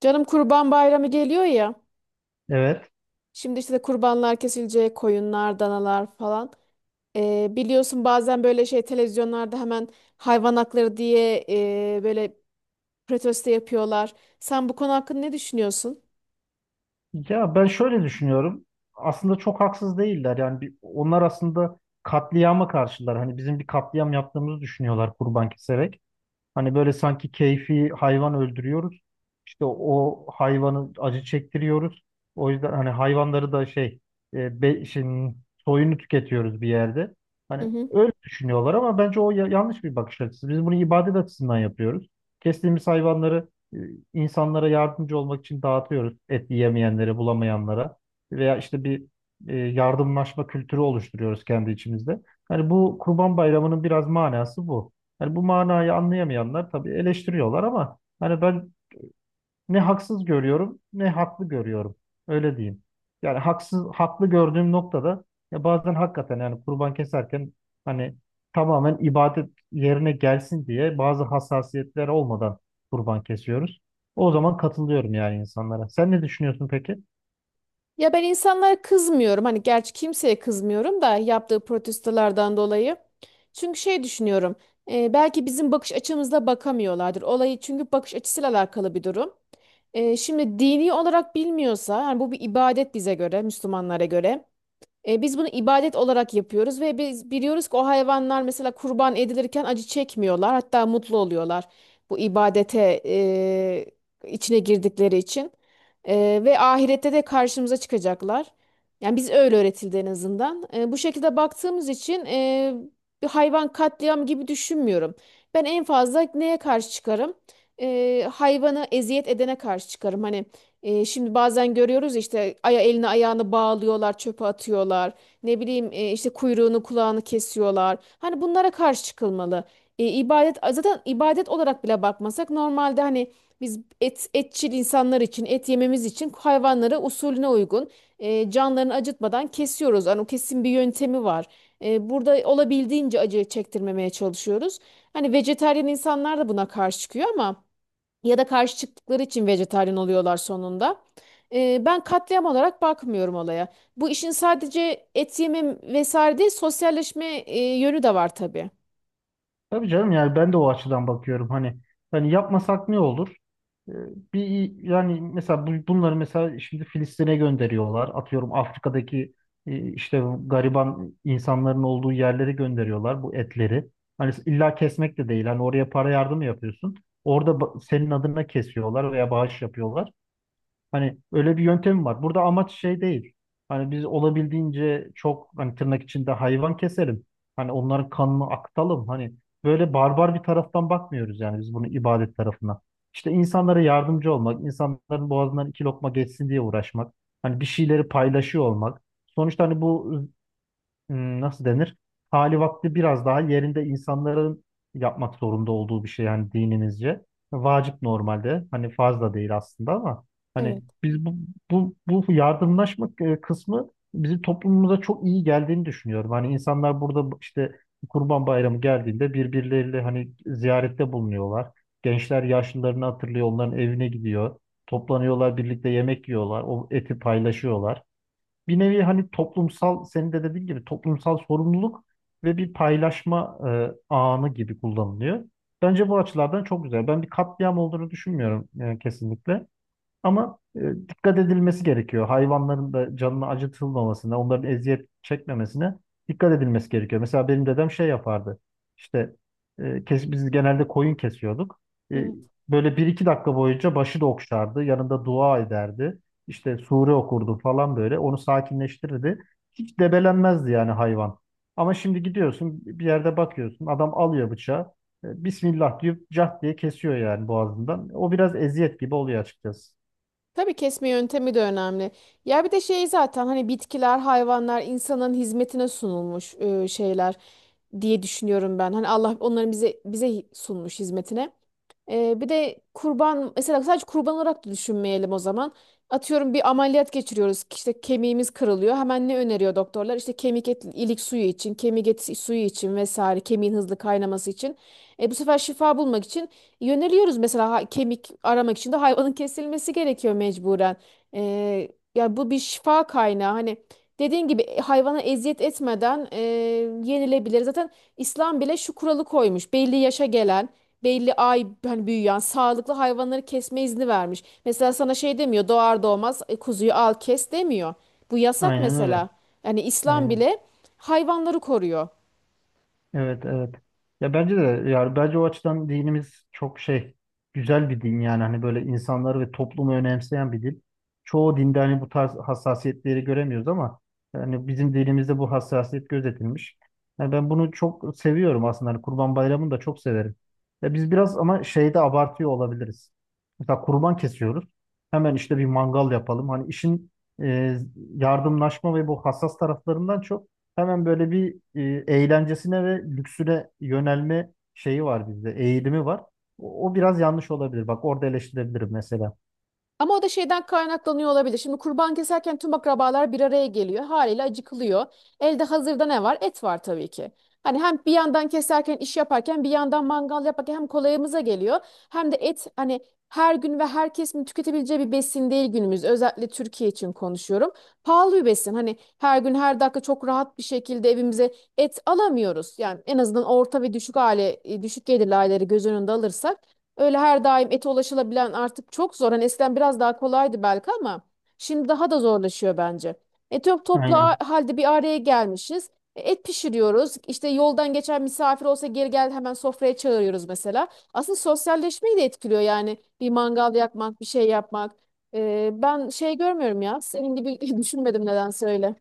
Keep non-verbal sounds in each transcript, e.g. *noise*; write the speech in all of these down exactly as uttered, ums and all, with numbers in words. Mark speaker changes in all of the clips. Speaker 1: Canım Kurban Bayramı geliyor ya.
Speaker 2: Evet.
Speaker 1: Şimdi işte de kurbanlar kesilecek, koyunlar, danalar falan. Ee, biliyorsun bazen böyle şey televizyonlarda hemen hayvan hakları diye e, böyle protesto yapıyorlar. Sen bu konu hakkında ne düşünüyorsun?
Speaker 2: Ya ben şöyle düşünüyorum. Aslında çok haksız değiller. Yani bir, onlar aslında katliama karşılar. Hani bizim bir katliam yaptığımızı düşünüyorlar kurban keserek. Hani böyle sanki keyfi hayvan öldürüyoruz. İşte o hayvanı acı çektiriyoruz. O yüzden hani hayvanları da şey e, be, şimdi soyunu tüketiyoruz bir yerde. Hani öyle düşünüyorlar ama bence o ya- yanlış bir bakış açısı. Biz bunu ibadet açısından yapıyoruz. Kestiğimiz hayvanları e, insanlara yardımcı olmak için dağıtıyoruz. Et yiyemeyenlere, bulamayanlara veya işte bir e, yardımlaşma kültürü oluşturuyoruz kendi içimizde. Hani bu Kurban Bayramı'nın biraz manası bu. Yani bu manayı anlayamayanlar tabii eleştiriyorlar ama hani ben ne haksız görüyorum ne haklı görüyorum. Öyle diyeyim. Yani haksız haklı gördüğüm noktada ya bazen hakikaten yani kurban keserken hani tamamen ibadet yerine gelsin diye bazı hassasiyetler olmadan kurban kesiyoruz. O zaman katılıyorum yani insanlara. Sen ne düşünüyorsun peki?
Speaker 1: Ya ben insanlara kızmıyorum. Hani gerçi kimseye kızmıyorum da yaptığı protestolardan dolayı. Çünkü şey düşünüyorum. e, belki bizim bakış açımızla bakamıyorlardır. Olayı çünkü bakış açısıyla alakalı bir durum. E, şimdi dini olarak bilmiyorsa, yani bu bir ibadet bize göre, Müslümanlara göre. E, biz bunu ibadet olarak yapıyoruz ve biz biliyoruz ki o hayvanlar mesela kurban edilirken acı çekmiyorlar, hatta mutlu oluyorlar bu ibadete e, içine girdikleri için. E, ve ahirette de karşımıza çıkacaklar. Yani biz öyle öğretildi en azından. E, bu şekilde baktığımız için e, bir hayvan katliam gibi düşünmüyorum. Ben en fazla neye karşı çıkarım? E, hayvanı eziyet edene karşı çıkarım. Hani. E, şimdi bazen görüyoruz işte aya elini ayağını bağlıyorlar, çöpe atıyorlar. Ne bileyim e, işte kuyruğunu kulağını kesiyorlar. Hani bunlara karşı çıkılmalı. E, ibadet zaten ibadet olarak bile bakmasak normalde hani biz et etçil insanlar için et yememiz için hayvanları usulüne uygun e, canlarını acıtmadan kesiyoruz. Hani o kesin bir yöntemi var. E, burada olabildiğince acı çektirmemeye çalışıyoruz. Hani vejetaryen insanlar da buna karşı çıkıyor ama ya da karşı çıktıkları için vejetaryen oluyorlar sonunda. Ee, ben katliam olarak bakmıyorum olaya. Bu işin sadece et yeme vesaire değil, sosyalleşme e, yönü de var tabii.
Speaker 2: Tabii canım yani ben de o açıdan bakıyorum. Hani hani yapmasak ne olur? Ee, Bir yani mesela bu- bunları mesela şimdi Filistin'e gönderiyorlar. Atıyorum Afrika'daki e, işte bu gariban insanların olduğu yerlere gönderiyorlar bu etleri. Hani illa kesmek de değil. Hani oraya para yardımı yapıyorsun. Orada ba- senin adına kesiyorlar veya bağış yapıyorlar. Hani öyle bir yöntemi var. Burada amaç şey değil. Hani biz olabildiğince çok hani tırnak içinde hayvan keselim. Hani onların kanını akıtalım. Hani böyle barbar bir taraftan bakmıyoruz yani biz bunu ibadet tarafına. İşte insanlara yardımcı olmak, insanların boğazından iki lokma geçsin diye uğraşmak. Hani bir şeyleri paylaşıyor olmak. Sonuçta hani bu hmm, nasıl denir? Hali vakti biraz daha yerinde insanların yapmak zorunda olduğu bir şey yani dinimizce. Vacip normalde. Hani farz da değil aslında ama
Speaker 1: Evet,
Speaker 2: hani biz bu bu, bu yardımlaşma e, kısmı bizim toplumumuza çok iyi geldiğini düşünüyorum. Hani insanlar burada bu- işte Kurban Bayramı geldiğinde birbirleriyle hani ziyarette bulunuyorlar. Gençler yaşlılarını hatırlıyor, onların evine gidiyor. Toplanıyorlar, birlikte yemek yiyorlar, o eti paylaşıyorlar bir nevi hani toplumsal, senin de dediğin gibi toplumsal sorumluluk ve bir paylaşma e, anı gibi kullanılıyor. Bence bu açılardan çok güzel. Ben bir katliam olduğunu düşünmüyorum e, kesinlikle. Ama e, dikkat edilmesi gerekiyor. Hayvanların da canını acıtılmamasına, onların eziyet çekmemesine dikkat edilmesi gerekiyor. Mesela benim dedem şey yapardı. İşte e, kes, biz genelde koyun kesiyorduk. E,
Speaker 1: evet.
Speaker 2: böyle bir iki dakika boyunca başı da okşardı. Yanında dua ederdi. İşte sure okurdu falan böyle. Onu sakinleştirirdi. Hiç debelenmezdi yani hayvan. Ama şimdi gidiyorsun bir yerde bakıyorsun. Adam alıyor bıçağı. e, Bismillah diyor, cah diye kesiyor yani boğazından. O biraz eziyet gibi oluyor açıkçası.
Speaker 1: Tabii kesme yöntemi de önemli. Ya bir de şey zaten hani bitkiler, hayvanlar insanın hizmetine sunulmuş e, şeyler diye düşünüyorum ben. Hani Allah onların bize bize sunmuş hizmetine. Ee, bir de kurban mesela sadece kurban olarak da düşünmeyelim o zaman. Atıyorum bir ameliyat geçiriyoruz. İşte kemiğimiz kırılıyor. Hemen ne öneriyor doktorlar? İşte kemik et, ilik suyu için, kemik eti suyu için vesaire, kemiğin hızlı kaynaması için. E, bu sefer şifa bulmak için yöneliyoruz mesela ha- kemik aramak için de hayvanın kesilmesi gerekiyor mecburen. Ee, yani bu bir şifa kaynağı. Hani dediğin gibi e, hayvana eziyet etmeden e, yenilebilir. Zaten İslam bile şu kuralı koymuş. Belli yaşa gelen, belli ay hani büyüyen, sağlıklı hayvanları kesme izni vermiş. Mesela sana şey demiyor, doğar doğmaz e, kuzuyu al kes demiyor. Bu yasak
Speaker 2: Aynen öyle.
Speaker 1: mesela. Yani İslam
Speaker 2: Aynen.
Speaker 1: bile hayvanları koruyor.
Speaker 2: Evet, evet. Ya bence de yani bence o açıdan dinimiz çok şey güzel bir din yani hani böyle insanları ve toplumu önemseyen bir din. Çoğu dinde hani bu tarz hassasiyetleri göremiyoruz ama hani bizim dinimizde bu hassasiyet gözetilmiş. Yani ben bunu çok seviyorum aslında. Hani Kurban Bayramı'nı da çok severim. Ya biz biraz ama şeyde abartıyor olabiliriz. Mesela kurban kesiyoruz. Hemen işte bir mangal yapalım. Hani işin e, yardımlaşma ve bu hassas taraflarından çok, hemen böyle bir e, eğlencesine ve lüksüne yönelme şeyi var bizde, eğilimi var. O, o biraz yanlış olabilir. Bak orada eleştirebilirim mesela.
Speaker 1: Ama o da şeyden kaynaklanıyor olabilir. Şimdi kurban keserken tüm akrabalar bir araya geliyor. Haliyle acıkılıyor. Elde hazırda ne var? Et var tabii ki. Hani hem bir yandan keserken iş yaparken bir yandan mangal yaparken hem kolayımıza geliyor. Hem de et hani her gün ve herkesin tüketebileceği bir besin değil günümüz. Özellikle Türkiye için konuşuyorum. Pahalı bir besin. Hani her gün her dakika çok rahat bir şekilde evimize et alamıyoruz. Yani en azından orta ve düşük aile, e, düşük gelirli aileleri göz önünde alırsak. Öyle her daim ete ulaşılabilen artık çok zor. Hani eskiden biraz daha kolaydı belki ama şimdi daha da zorlaşıyor bence. E, çok toplu a-
Speaker 2: Aynen.
Speaker 1: halde bir araya gelmişiz. E, Et pişiriyoruz. İşte yoldan geçen misafir olsa geri gel hemen sofraya çağırıyoruz mesela. Aslında sosyalleşmeyi de etkiliyor yani bir mangal yakmak, bir şey yapmak. E, ben şey görmüyorum ya. Senin gibi *laughs* düşünmedim nedense öyle.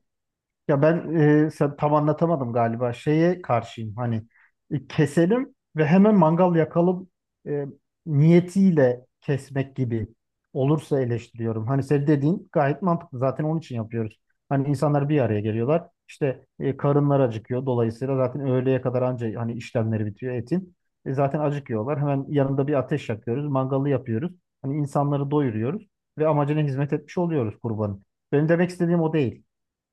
Speaker 2: Ya ben e, sen tam anlatamadım galiba. Şeye karşıyım hani e, keselim ve hemen mangal yakalım e, niyetiyle kesmek gibi olursa eleştiriyorum. Hani senin dediğin gayet mantıklı. Zaten onun için yapıyoruz. Hani insanlar bir araya geliyorlar. İşte e, karınlar acıkıyor. Dolayısıyla zaten öğleye kadar anca hani işlemleri bitiyor etin. E, zaten acıkıyorlar. Hemen yanında bir ateş yakıyoruz. Mangalı yapıyoruz. Hani insanları doyuruyoruz ve amacına hizmet etmiş oluyoruz kurbanın. Benim demek istediğim o değil.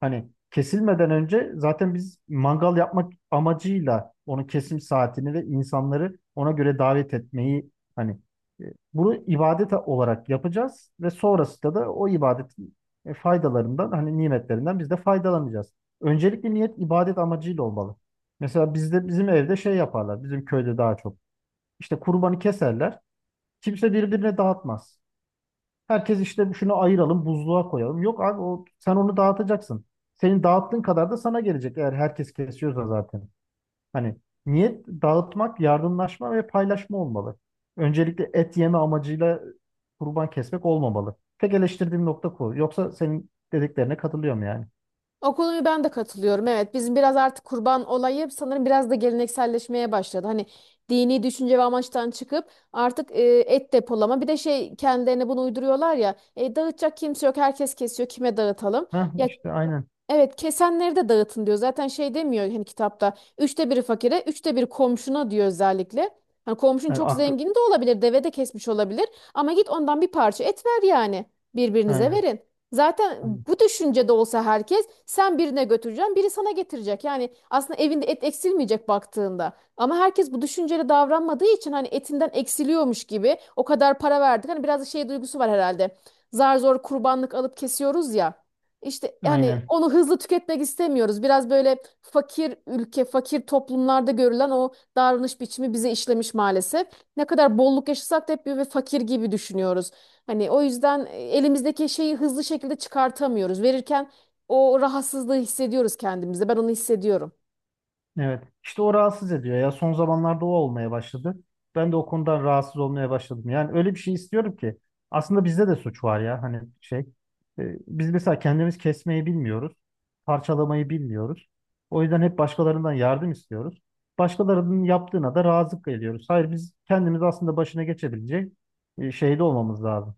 Speaker 2: Hani kesilmeden önce zaten biz mangal yapmak amacıyla onun kesim saatini ve insanları ona göre davet etmeyi hani e, bunu ibadet olarak yapacağız ve sonrasında da o ibadetin e, faydalarından hani nimetlerinden biz de faydalanacağız. Öncelikle niyet ibadet amacıyla olmalı. Mesela bizde bizim evde şey yaparlar. Bizim köyde daha çok. İşte kurbanı keserler. Kimse birbirine dağıtmaz. Herkes işte şunu ayıralım, buzluğa koyalım. Yok abi, o, sen onu dağıtacaksın. Senin dağıttığın kadar da sana gelecek eğer herkes kesiyorsa zaten. Hani niyet dağıtmak, yardımlaşma ve paylaşma olmalı. Öncelikle et yeme amacıyla kurban kesmek olmamalı. Tek eleştirdiğim nokta bu. Yoksa senin dediklerine katılıyorum yani.
Speaker 1: O konuyu ben de katılıyorum. Evet, bizim biraz artık kurban olayı sanırım biraz da gelenekselleşmeye başladı. Hani dini düşünce ve amaçtan çıkıp artık e, et depolama. Bir de şey kendilerine bunu uyduruyorlar ya. E, dağıtacak kimse yok. Herkes kesiyor. Kime dağıtalım?
Speaker 2: Ha
Speaker 1: Ya,
Speaker 2: işte aynen.
Speaker 1: evet, kesenleri de dağıtın diyor. Zaten şey demiyor hani kitapta. Üçte biri fakire, üçte biri komşuna diyor özellikle. Hani komşun
Speaker 2: Yani
Speaker 1: çok
Speaker 2: aklı-
Speaker 1: zengini de olabilir, deve de kesmiş olabilir. Ama git ondan bir parça et ver yani. Birbirinize
Speaker 2: aynen.
Speaker 1: verin. Zaten
Speaker 2: Aynen.
Speaker 1: bu düşüncede olsa herkes sen birine götüreceksin, biri sana getirecek. Yani aslında evinde et eksilmeyecek baktığında. Ama herkes bu düşünceli davranmadığı için hani etinden eksiliyormuş gibi o kadar para verdik. Hani biraz da şey duygusu var herhalde. Zar zor kurbanlık alıp kesiyoruz ya. İşte yani
Speaker 2: Aynen.
Speaker 1: onu hızlı tüketmek istemiyoruz. Biraz böyle fakir ülke, fakir toplumlarda görülen o davranış biçimi bize işlemiş maalesef. Ne kadar bolluk yaşasak da hep böyle fakir gibi düşünüyoruz. Hani o yüzden e, elimizdeki şeyi hızlı şekilde çıkartamıyoruz. Verirken o rahatsızlığı hissediyoruz kendimizde. Ben onu hissediyorum.
Speaker 2: Evet. İşte o rahatsız ediyor ya. Son zamanlarda o olmaya başladı. Ben de o konudan rahatsız olmaya başladım. Yani öyle bir şey istiyorum ki. Aslında bizde de suç var ya. Hani şey. e, Biz mesela kendimiz kesmeyi bilmiyoruz. Parçalamayı bilmiyoruz. O yüzden hep başkalarından yardım istiyoruz. Başkalarının yaptığına da razı geliyoruz. Hayır biz kendimiz aslında başına geçebilecek e, şeyde olmamız lazım,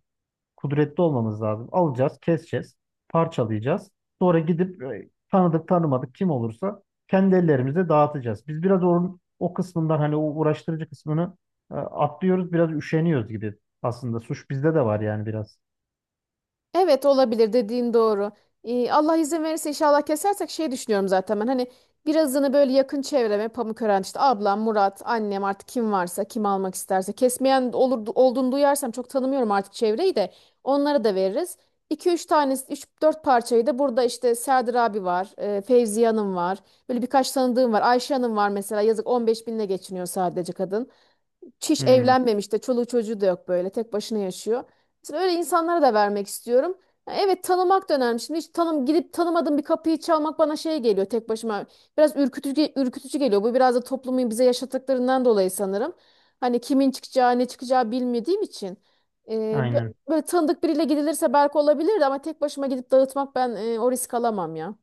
Speaker 2: kudretli olmamız lazım. Alacağız, keseceğiz, parçalayacağız. Sonra gidip e, tanıdık tanımadık kim olursa kendi ellerimizle dağıtacağız. Biz biraz onun o kısmından hani o uğraştırıcı kısmını e, atlıyoruz, biraz üşeniyoruz gibi. Aslında suç bizde de var yani biraz.
Speaker 1: Evet, olabilir, dediğin doğru. Ee, Allah izin verirse inşallah kesersek şey düşünüyorum zaten ben, hani birazını böyle yakın çevreme Pamukören işte ablam, Murat, annem, artık kim varsa, kim almak isterse, kesmeyen olur, olduğunu duyarsam, çok tanımıyorum artık çevreyi de, onlara da veririz. İki üç tane, üç dört parçayı da burada işte Serdar abi var, e, Fevziye Hanım var. Böyle birkaç tanıdığım var. Ayşe Hanım var mesela, yazık, on beş binle geçiniyor sadece kadın. Çiş
Speaker 2: Hmm,
Speaker 1: evlenmemiş de çoluğu çocuğu da yok, böyle tek başına yaşıyor. Mesela öyle insanlara da vermek istiyorum. Ya, evet, tanımak da önemli. Şimdi hiç tanım gidip tanımadığım bir kapıyı çalmak bana şey geliyor tek başıma. Biraz ürkütücü, ürkütücü geliyor. Bu biraz da toplumun bize yaşattıklarından dolayı sanırım. Hani kimin çıkacağı, ne çıkacağı bilmediğim için. Ee, bö-
Speaker 2: aynen.
Speaker 1: böyle tanıdık biriyle gidilirse belki olabilirdi ama tek başıma gidip dağıtmak, ben e, o risk alamam ya.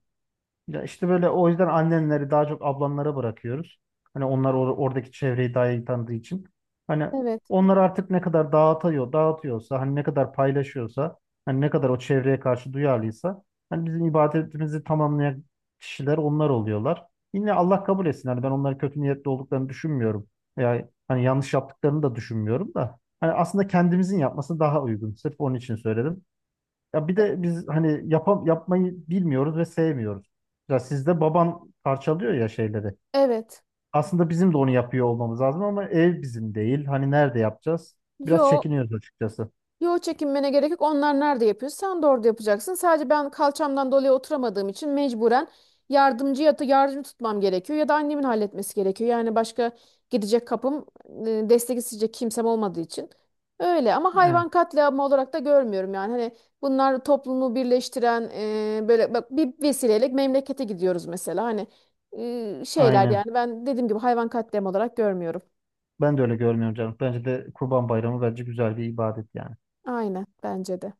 Speaker 2: Ya işte böyle o yüzden annenleri daha çok ablamlara bırakıyoruz. Hani onlar or- oradaki çevreyi daha iyi tanıdığı için. Hani
Speaker 1: Evet.
Speaker 2: onlar artık ne kadar dağıtıyor, dağıtıyorsa, hani ne kadar paylaşıyorsa, hani ne kadar o çevreye karşı duyarlıysa, hani bizim ibadetimizi tamamlayan kişiler onlar oluyorlar. Yine Allah kabul etsin. Hani ben onların kötü niyetli olduklarını düşünmüyorum. Yani hani yanlış yaptıklarını da düşünmüyorum da. Hani aslında kendimizin yapması daha uygun. Sırf onun için söyledim. Ya bir
Speaker 1: E-
Speaker 2: de biz hani yapam yapmayı bilmiyoruz ve sevmiyoruz. Ya sizde baban parçalıyor ya şeyleri.
Speaker 1: Evet.
Speaker 2: Aslında bizim de onu yapıyor olmamız lazım ama ev bizim değil. Hani nerede yapacağız?
Speaker 1: Yo,
Speaker 2: Biraz çekiniyoruz açıkçası.
Speaker 1: yo, çekinmene gerek yok. Onlar nerede yapıyor? Sen de orada yapacaksın. Sadece ben kalçamdan dolayı oturamadığım için mecburen yardımcı ya da yardım tutmam gerekiyor ya da annemin halletmesi gerekiyor. Yani başka gidecek kapım, e, destek isteyecek kimsem olmadığı için. Öyle ama
Speaker 2: Evet,
Speaker 1: hayvan katliamı olarak da görmüyorum yani. Hani bunlar toplumu birleştiren e, böyle, bak, bir vesileyle memlekete gidiyoruz mesela. Hani e, şeyler,
Speaker 2: aynen.
Speaker 1: yani ben dediğim gibi hayvan katliamı olarak görmüyorum.
Speaker 2: Ben de öyle görmüyorum canım. Bence de Kurban Bayramı bence güzel bir ibadet yani.
Speaker 1: Aynen, bence de.